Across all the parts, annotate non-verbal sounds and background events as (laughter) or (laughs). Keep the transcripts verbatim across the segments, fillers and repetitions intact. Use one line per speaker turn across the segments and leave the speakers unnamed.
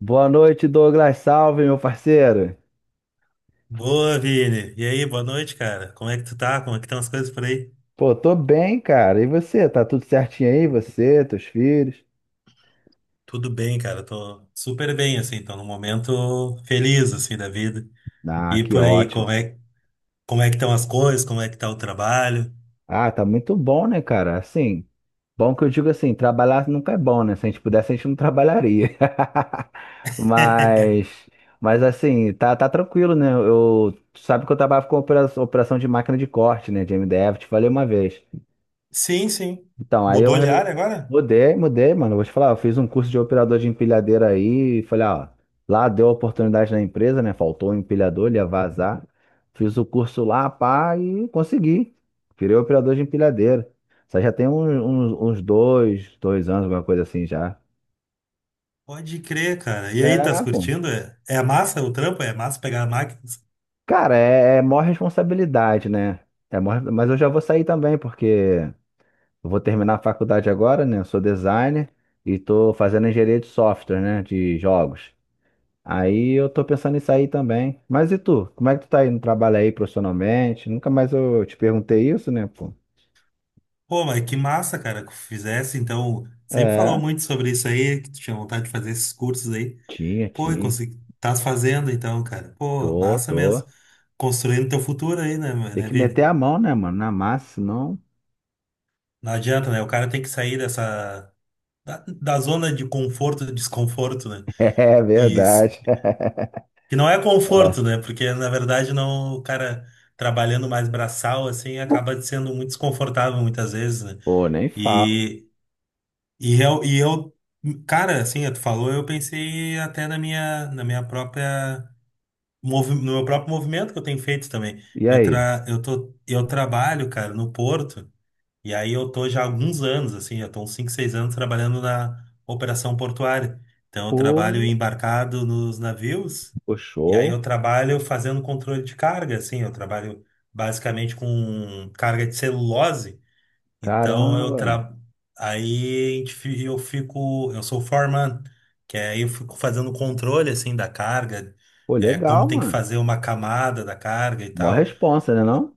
Boa noite, Douglas. Salve, meu parceiro.
Boa, Vini. E aí, boa noite, cara. Como é que tu tá? Como é que estão as coisas por aí?
Pô, tô bem, cara. E você? Tá tudo certinho aí? Você, teus filhos?
Tudo bem, cara. Tô super bem, assim. Tô num momento feliz, assim, da vida.
Ah,
E
que
por aí,
ótimo.
como é, como é que estão as coisas? Como é que tá o trabalho?
Ah, tá muito bom, né, cara? Assim, bom que eu digo assim, trabalhar nunca é bom, né? Se a gente pudesse, a gente não trabalharia. (laughs) Mas,
(laughs)
mas assim, tá, tá tranquilo, né? Eu, tu sabe que eu trabalho com opera- operação de máquina de corte, né, de M D F, te falei uma vez.
Sim, sim.
Então, aí eu
Mudou de
re-
área agora?
mudei, mudei, mano. Vou te falar, eu fiz um curso de operador de empilhadeira aí e falei, ó, lá deu a oportunidade na empresa, né? Faltou um empilhador, ele ia vazar. Fiz o curso lá, pá, e consegui. Virei operador de empilhadeira. Isso aí já tem uns, uns, uns dois, dois anos, alguma coisa assim já.
Pode crer, cara. E aí, tá se
É, pô.
curtindo? É, é massa o trampo? É massa pegar máquinas?
Cara, é, é maior responsabilidade, né? É maior, mas eu já vou sair também, porque eu vou terminar a faculdade agora, né? Eu sou designer e tô fazendo engenharia de software, né? De jogos. Aí eu tô pensando em sair também. Mas e tu? Como é que tu tá aí no trabalho aí profissionalmente? Nunca mais eu te perguntei isso, né, pô?
Pô, mas que massa, cara, que fizesse. Então, sempre falou
É,
muito sobre isso aí, que tu tinha vontade de fazer esses cursos aí.
tinha,
Pô, e
tinha.
consegui... Tás fazendo então, cara. Pô,
Tô,
massa
tô.
mesmo. Construindo teu futuro aí, né, ma-
Tem
né,
que meter
Vini?
a mão, né, mano? Na massa, senão. (laughs)
Não adianta, né? O cara tem que sair dessa... Da, da zona de conforto, e desconforto, né?
É
E s-
verdade.
que não é conforto,
É.
né? Porque, na verdade, não... O cara trabalhando mais braçal, assim, acaba sendo muito desconfortável muitas vezes, né?
Pô, nem falo.
E, e, eu, e eu... Cara, assim, tu falou, eu pensei até na minha, na minha própria movi- no meu próprio movimento que eu tenho feito também.
E
Eu,
aí?
tra, eu, tô, eu trabalho, cara, no Porto, e aí eu tô já há alguns anos, assim, já tô uns cinco, seis anos trabalhando na operação portuária. Então eu
Pô,
trabalho embarcado nos navios,
pô,
e aí
show.
eu trabalho fazendo controle de carga, assim, eu trabalho basicamente com carga de celulose, então eu
Caramba.
tra... aí a gente fi- eu fico, eu sou foreman, que aí eu fico fazendo controle assim da carga,
Pô,
é, como
legal,
tem que
mano.
fazer uma camada da carga e
Mó
tal.
responsa, né, não?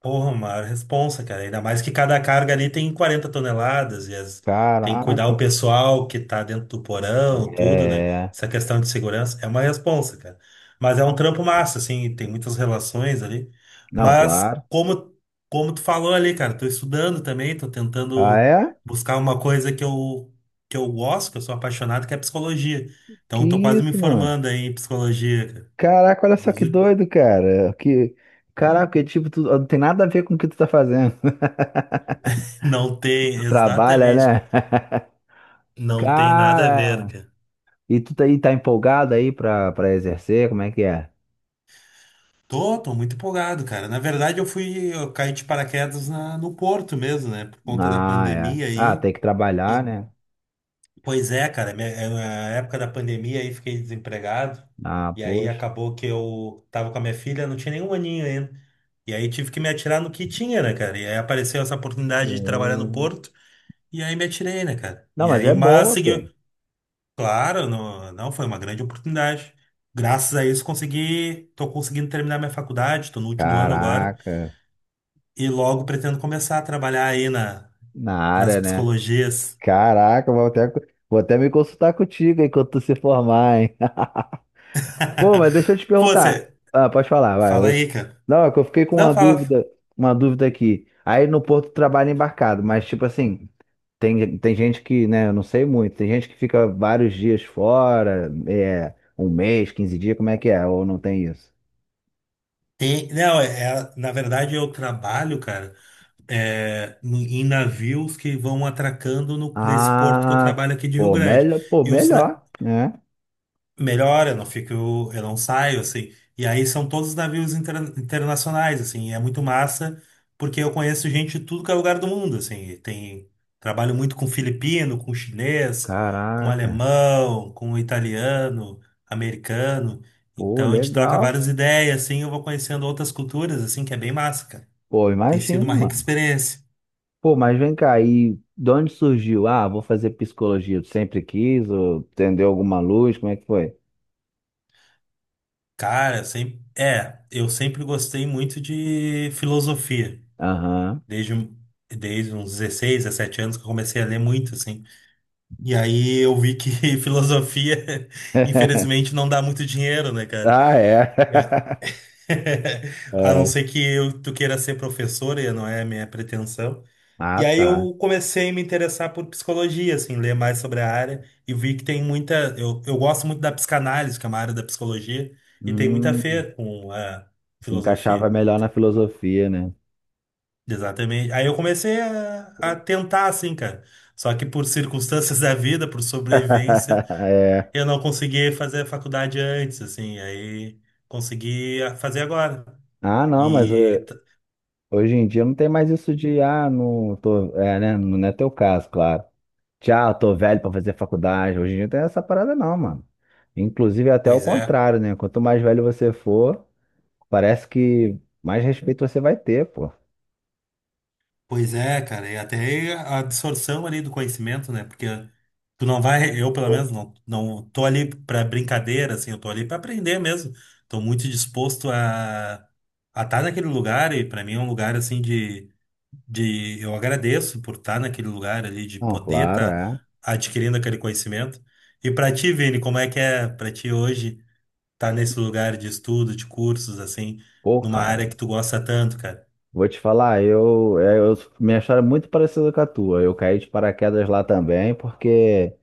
Porra, maior responsa, cara. Ainda mais que cada carga ali tem quarenta toneladas e as- tem que cuidar
Caraca.
o pessoal que tá dentro do porão, tudo, né?
É.
Essa questão de segurança é uma responsa, cara. Mas é um trampo massa, assim, tem muitas relações ali.
Não,
Mas
claro.
como, como tu falou ali, cara, tô estudando também, tô
Ah,
tentando
é?
buscar uma coisa que eu, que eu gosto, que eu sou apaixonado, que é psicologia.
Que
Então, tô quase me
isso, mano?
formando aí em psicologia, cara.
Caraca, olha só
Nos
que
ú-
doido, cara. Que... Caraca, tipo, tu... não tem nada a ver com o que tu tá fazendo.
(laughs) Não
Tu
tem,
trabalha, né?
exatamente, não tem nada a ver,
Cara,
cara.
e tu tá aí, tá empolgado aí pra, pra exercer? Como é que é?
Tô, tô muito empolgado, cara. Na verdade, eu fui, eu caí de paraquedas na- no Porto mesmo, né? Por conta da
Ah, é.
pandemia
Ah,
aí.
tem que trabalhar,
E,
né?
pois é, cara, minha- é, na época da pandemia aí fiquei desempregado.
Ah,
E aí
poxa.
acabou que eu tava com a minha filha, não tinha nenhum aninho ainda. E aí tive que me atirar no que tinha, né, cara? E aí apareceu essa oportunidade de trabalhar no
Hum.
Porto. E aí me atirei, né, cara?
Não,
E
mas
aí,
é
mas
boa, pô.
segui. Claro, não, não, foi uma grande oportunidade. Graças a isso consegui, tô conseguindo terminar minha faculdade, tô no último ano agora
Caraca,
e logo pretendo começar a trabalhar aí na,
na
nas
área, né?
psicologias.
Caraca, vou até, vou até me consultar contigo enquanto tu se formar, hein? Pô, mas deixa eu te
(laughs) Pô,
perguntar.
você,
Ah, pode falar, vai.
fala
eu-
aí, cara.
Não, é que eu fiquei com
Não,
uma
fala.
dúvida, uma dúvida aqui. Aí no Porto trabalha embarcado, mas tipo assim, tem, tem gente que, né, eu não sei muito, tem gente que fica vários dias fora, é, um mês, quinze dias, como é que é? Ou não tem isso?
Tem- não, é, é- na verdade eu trabalho, cara, é, no- em navios que vão atracando no- nesse porto que eu
Ah,
trabalho aqui de Rio
pô,
Grande.
melhor, pô,
E os,
melhor, né?
melhor, eu não fico, eu não saio, assim. E aí são todos navios interna- internacionais, assim, e é muito massa, porque eu conheço gente de tudo que é lugar do mundo, assim. e Tem, trabalho muito com filipino, com chinês, com
Caraca,
alemão, com italiano, americano.
pô,
Então a gente troca
legal.
várias ideias, assim, eu vou conhecendo outras culturas, assim, que é bem massa, cara.
Pô,
Tem sido
imagino,
uma rica
mano.
experiência.
Pô, mas vem cá, e de onde surgiu? Ah, vou fazer psicologia. Tu sempre quis ou acendeu alguma luz? Como é que foi?
Cara, sempre, é, eu sempre gostei muito de filosofia.
Aham.
desde, um- Desde uns dezesseis, dezessete anos que eu comecei a ler muito, assim. E aí eu vi que (laughs) filosofia, infelizmente,
(laughs)
não dá muito dinheiro, né, cara?
Ah, é.
E a...
(laughs)
(laughs) a não
É.
ser que eu, tu queira ser professora, e não é a minha pretensão.
Ah,
E aí
tá.
eu comecei a me interessar por psicologia, assim, ler mais sobre a área e vi que tem muita. Eu, eu gosto muito da psicanálise, que é uma área da psicologia, e tem muita a
Hum,
ver com a
Se encaixava
filosofia.
melhor na filosofia, né?
Exatamente. Aí eu comecei a, a tentar, assim, cara. Só que por circunstâncias (laughs) da vida, por
(laughs)
sobrevivência,
É.
eu não consegui fazer a faculdade antes, assim. Aí consegui a- fazer agora.
Ah, não, mas
E,
eh,
t-
hoje em dia não tem mais isso de, ah, não tô, é, né? Não é teu caso, claro. Tchau, tô velho pra fazer faculdade. Hoje em dia não tem essa parada, não, mano. Inclusive, é até o
pois é.
contrário, né? Quanto mais velho você for. Parece que mais respeito você vai ter, pô.
Pois é, cara. E até a absorção ali do conhecimento, né? Porque tu não vai, eu pelo menos, não, não tô ali pra brincadeira, assim. Eu tô ali pra aprender mesmo. Tô muito disposto a a estar naquele lugar. E pra mim é um lugar, assim, de de eu agradeço por estar naquele lugar ali, de
Não,
poder
claro,
estar
é.
adquirindo aquele conhecimento. E para ti, Vini, como é que é para ti hoje estar nesse lugar de estudo, de cursos, assim,
Pô,
numa
cara,
área que tu gosta tanto, cara?
vou te falar, eu, é, eu- minha história é muito parecida com a tua. Eu caí de paraquedas lá também, porque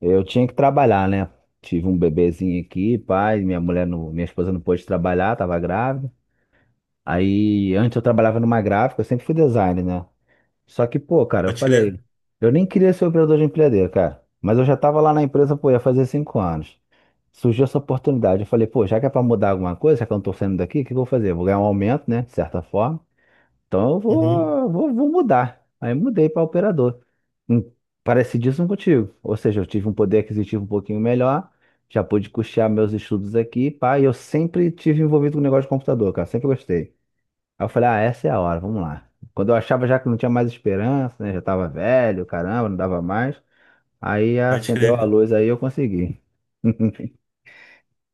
eu tinha que trabalhar, né? Tive um bebezinho aqui, pai, minha mulher, não- minha esposa não pôde trabalhar, tava grávida. Aí, antes eu trabalhava numa gráfica, eu sempre fui designer, né? Só que, pô, cara, eu
Pode crer.
falei, eu nem queria ser operador de empilhadeira, cara. Mas eu já tava lá na empresa, pô, ia fazer cinco anos. Surgiu essa oportunidade. Eu falei, pô, já que é para mudar alguma coisa, já que eu não tô saindo daqui, o que que eu vou fazer? Eu vou ganhar um aumento, né? De certa forma. Então eu
Uhum,
vou, vou, vou mudar. Aí mudei para operador. Hum, Parecidíssimo contigo. Ou seja, eu tive um poder aquisitivo um pouquinho melhor, já pude custear meus estudos aqui, pá, e eu sempre tive envolvido com negócio de computador, cara, sempre gostei. Aí eu falei, ah, essa é a hora, vamos lá. Quando eu achava já que não tinha mais esperança, né? Já tava velho, caramba, não dava mais. Aí
pode
acendeu
crer,
a
cara.
luz, aí eu consegui. (laughs)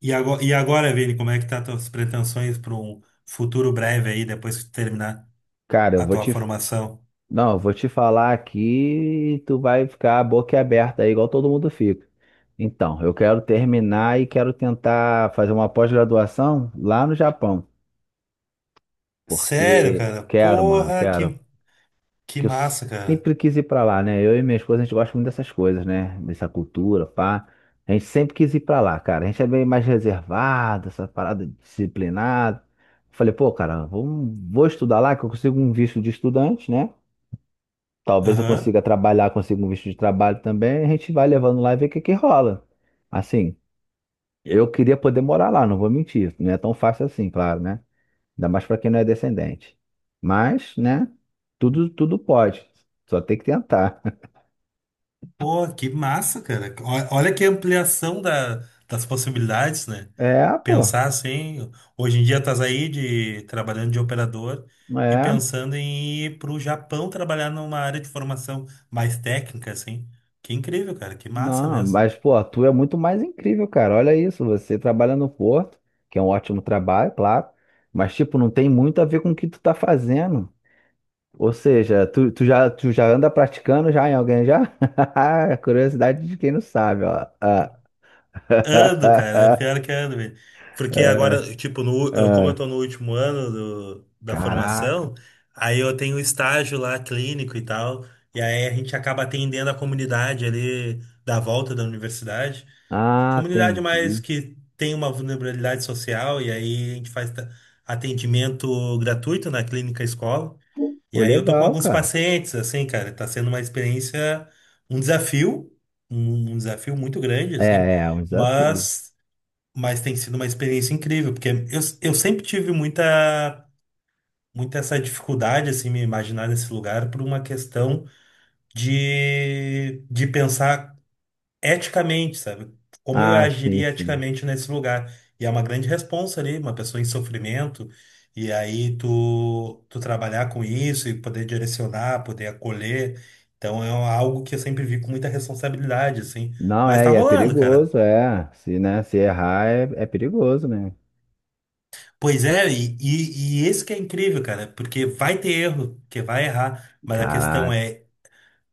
E agora, e agora, Vini, como é que tá as tuas pretensões para um futuro breve aí, depois que tu terminar
Cara, eu
a
vou
tua
te,
formação?
não, eu vou te falar aqui, tu vai ficar boquiaberta aí, igual todo mundo fica. Então, eu quero terminar e quero tentar fazer uma pós-graduação lá no Japão,
Sério,
porque
cara?
quero, mano,
Porra,
quero.
que, que
Que eu
massa, cara.
sempre quis ir pra lá, né? Eu e minha esposa, a gente gosta muito dessas coisas, né? Dessa cultura, pá. A gente sempre quis ir pra lá, cara. A gente é bem mais reservado, essa parada disciplinada. Falei, pô, cara, vamos- vou estudar lá, que eu consigo um visto de estudante, né? Talvez eu
Aham.
consiga trabalhar, consiga um visto de trabalho também. A gente vai levando lá e vê o que que rola. Assim, eu queria poder morar lá, não vou mentir. Não é tão fácil assim, claro, né? Ainda mais para quem não é descendente. Mas, né? Tudo, tudo pode. Só tem que tentar. (laughs)
Pô, que massa, cara. Ó- Olha que ampliação da- das possibilidades, né?
É, pô.
Pensar assim, hoje em dia estás aí de, trabalhando de operador e
É.
pensando em ir para o Japão trabalhar numa área de formação mais técnica, assim. Que incrível, cara, que massa
Não,
mesmo.
mas, pô, tu é muito mais incrível, cara. Olha isso. Você trabalha no Porto, que é um ótimo trabalho, claro. Mas, tipo, não tem muito a ver com o que tu tá fazendo. Ou seja, tu, tu já, tu já anda praticando já em alguém já? (laughs) Curiosidade de quem não sabe, ó. Ah.
Ando, cara, é
(laughs)
pior que ando, velho. Porque
Ah,
agora, tipo, no, eu- como eu
ah.
tô no último ano do- da
Caraca.
formação, aí eu tenho estágio lá clínico e tal, e aí a gente acaba atendendo a comunidade ali da volta da universidade.
Ah,
Comunidade mais
entendi.
que tem uma vulnerabilidade social, e aí a gente faz ta- atendimento gratuito na clínica escola. E
Pô,
aí eu tô com
legal,
alguns
cara.
pacientes, assim, cara, tá sendo uma experiência, um desafio, um um desafio muito grande,
É,
assim.
é é um desafio.
Mas mas tem sido uma experiência incrível, porque eu, eu sempre tive muita, muita essa dificuldade, assim, me imaginar nesse lugar por uma questão de, de pensar eticamente, sabe? Como eu
Ah, sim,
agiria
sim.
eticamente nesse lugar. E é uma grande responsa ali, uma pessoa em sofrimento, e aí tu, tu trabalhar com isso e poder direcionar, poder acolher. Então é algo que eu sempre vi com muita responsabilidade, assim.
Não,
Mas
é,
tá
e é
rolando, cara.
perigoso, é. Se, né, se errar, é, é perigoso, né?
Pois é, e, e, e esse que é incrível, cara, porque vai ter erro, que vai errar, mas a questão
Caraca.
é,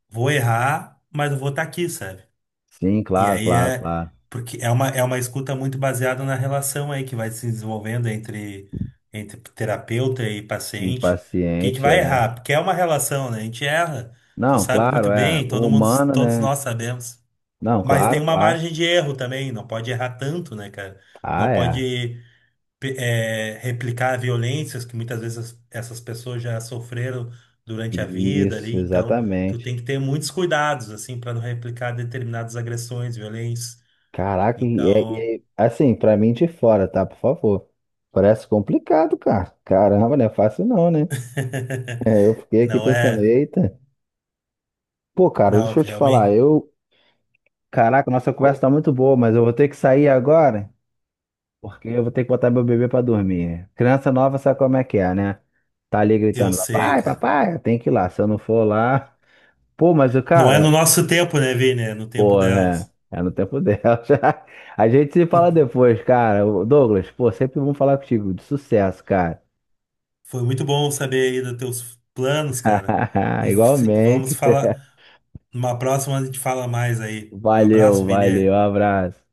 vou errar, mas eu vou estar aqui, sabe?
Sim,
E
claro,
aí
claro,
é,
claro.
porque é uma, é uma escuta muito baseada na relação aí que vai se desenvolvendo entre, entre terapeuta e
E
paciente, que a gente
paciente,
vai
é.
errar, porque é uma relação, né? A gente erra, tu
Não,
sabe
claro,
muito
é.
bem, todo mundo,
Humano,
todos
né?
nós sabemos.
Não,
Mas tem
claro,
uma
claro.
margem de erro também, não pode errar tanto, né, cara?
Ah,
Não
é.
pode pe- eh, replicar violências que muitas vezes as- essas pessoas já sofreram durante a vida
Isso,
ali, então tu
exatamente.
tem que ter muitos cuidados assim para não replicar determinadas agressões, violências.
Caraca, e é, e
Então,
é- assim, pra mim de fora, tá? Por favor. Parece complicado, cara. Caramba, não é fácil não, né? (laughs)
(laughs)
É, eu fiquei aqui
não
pensando,
é,
eita. Pô, cara,
não,
deixa eu te falar,
realmente
eu... Caraca, nossa conversa tá muito boa, mas eu vou ter que sair agora, porque eu vou ter que botar meu bebê pra dormir. Criança nova sabe como é que é, né? Tá ali
eu
gritando,
sei,
papai,
cara.
papai, tem que ir lá. Se eu não for lá. Pô, mas, o
Não é no
cara,
nosso tempo, né, Vini? É no tempo
pô, é,
delas.
é no tempo dela. (laughs) A gente se fala
(laughs)
depois, cara. Ô, Douglas, pô, sempre vamos falar contigo. De sucesso, cara.
Foi muito bom saber aí dos teus planos, cara.
(laughs)
E se- vamos
Igualmente.
falar, numa próxima a gente fala mais aí. Um
Valeu,
abraço,
valeu.
Vini.
Abraço.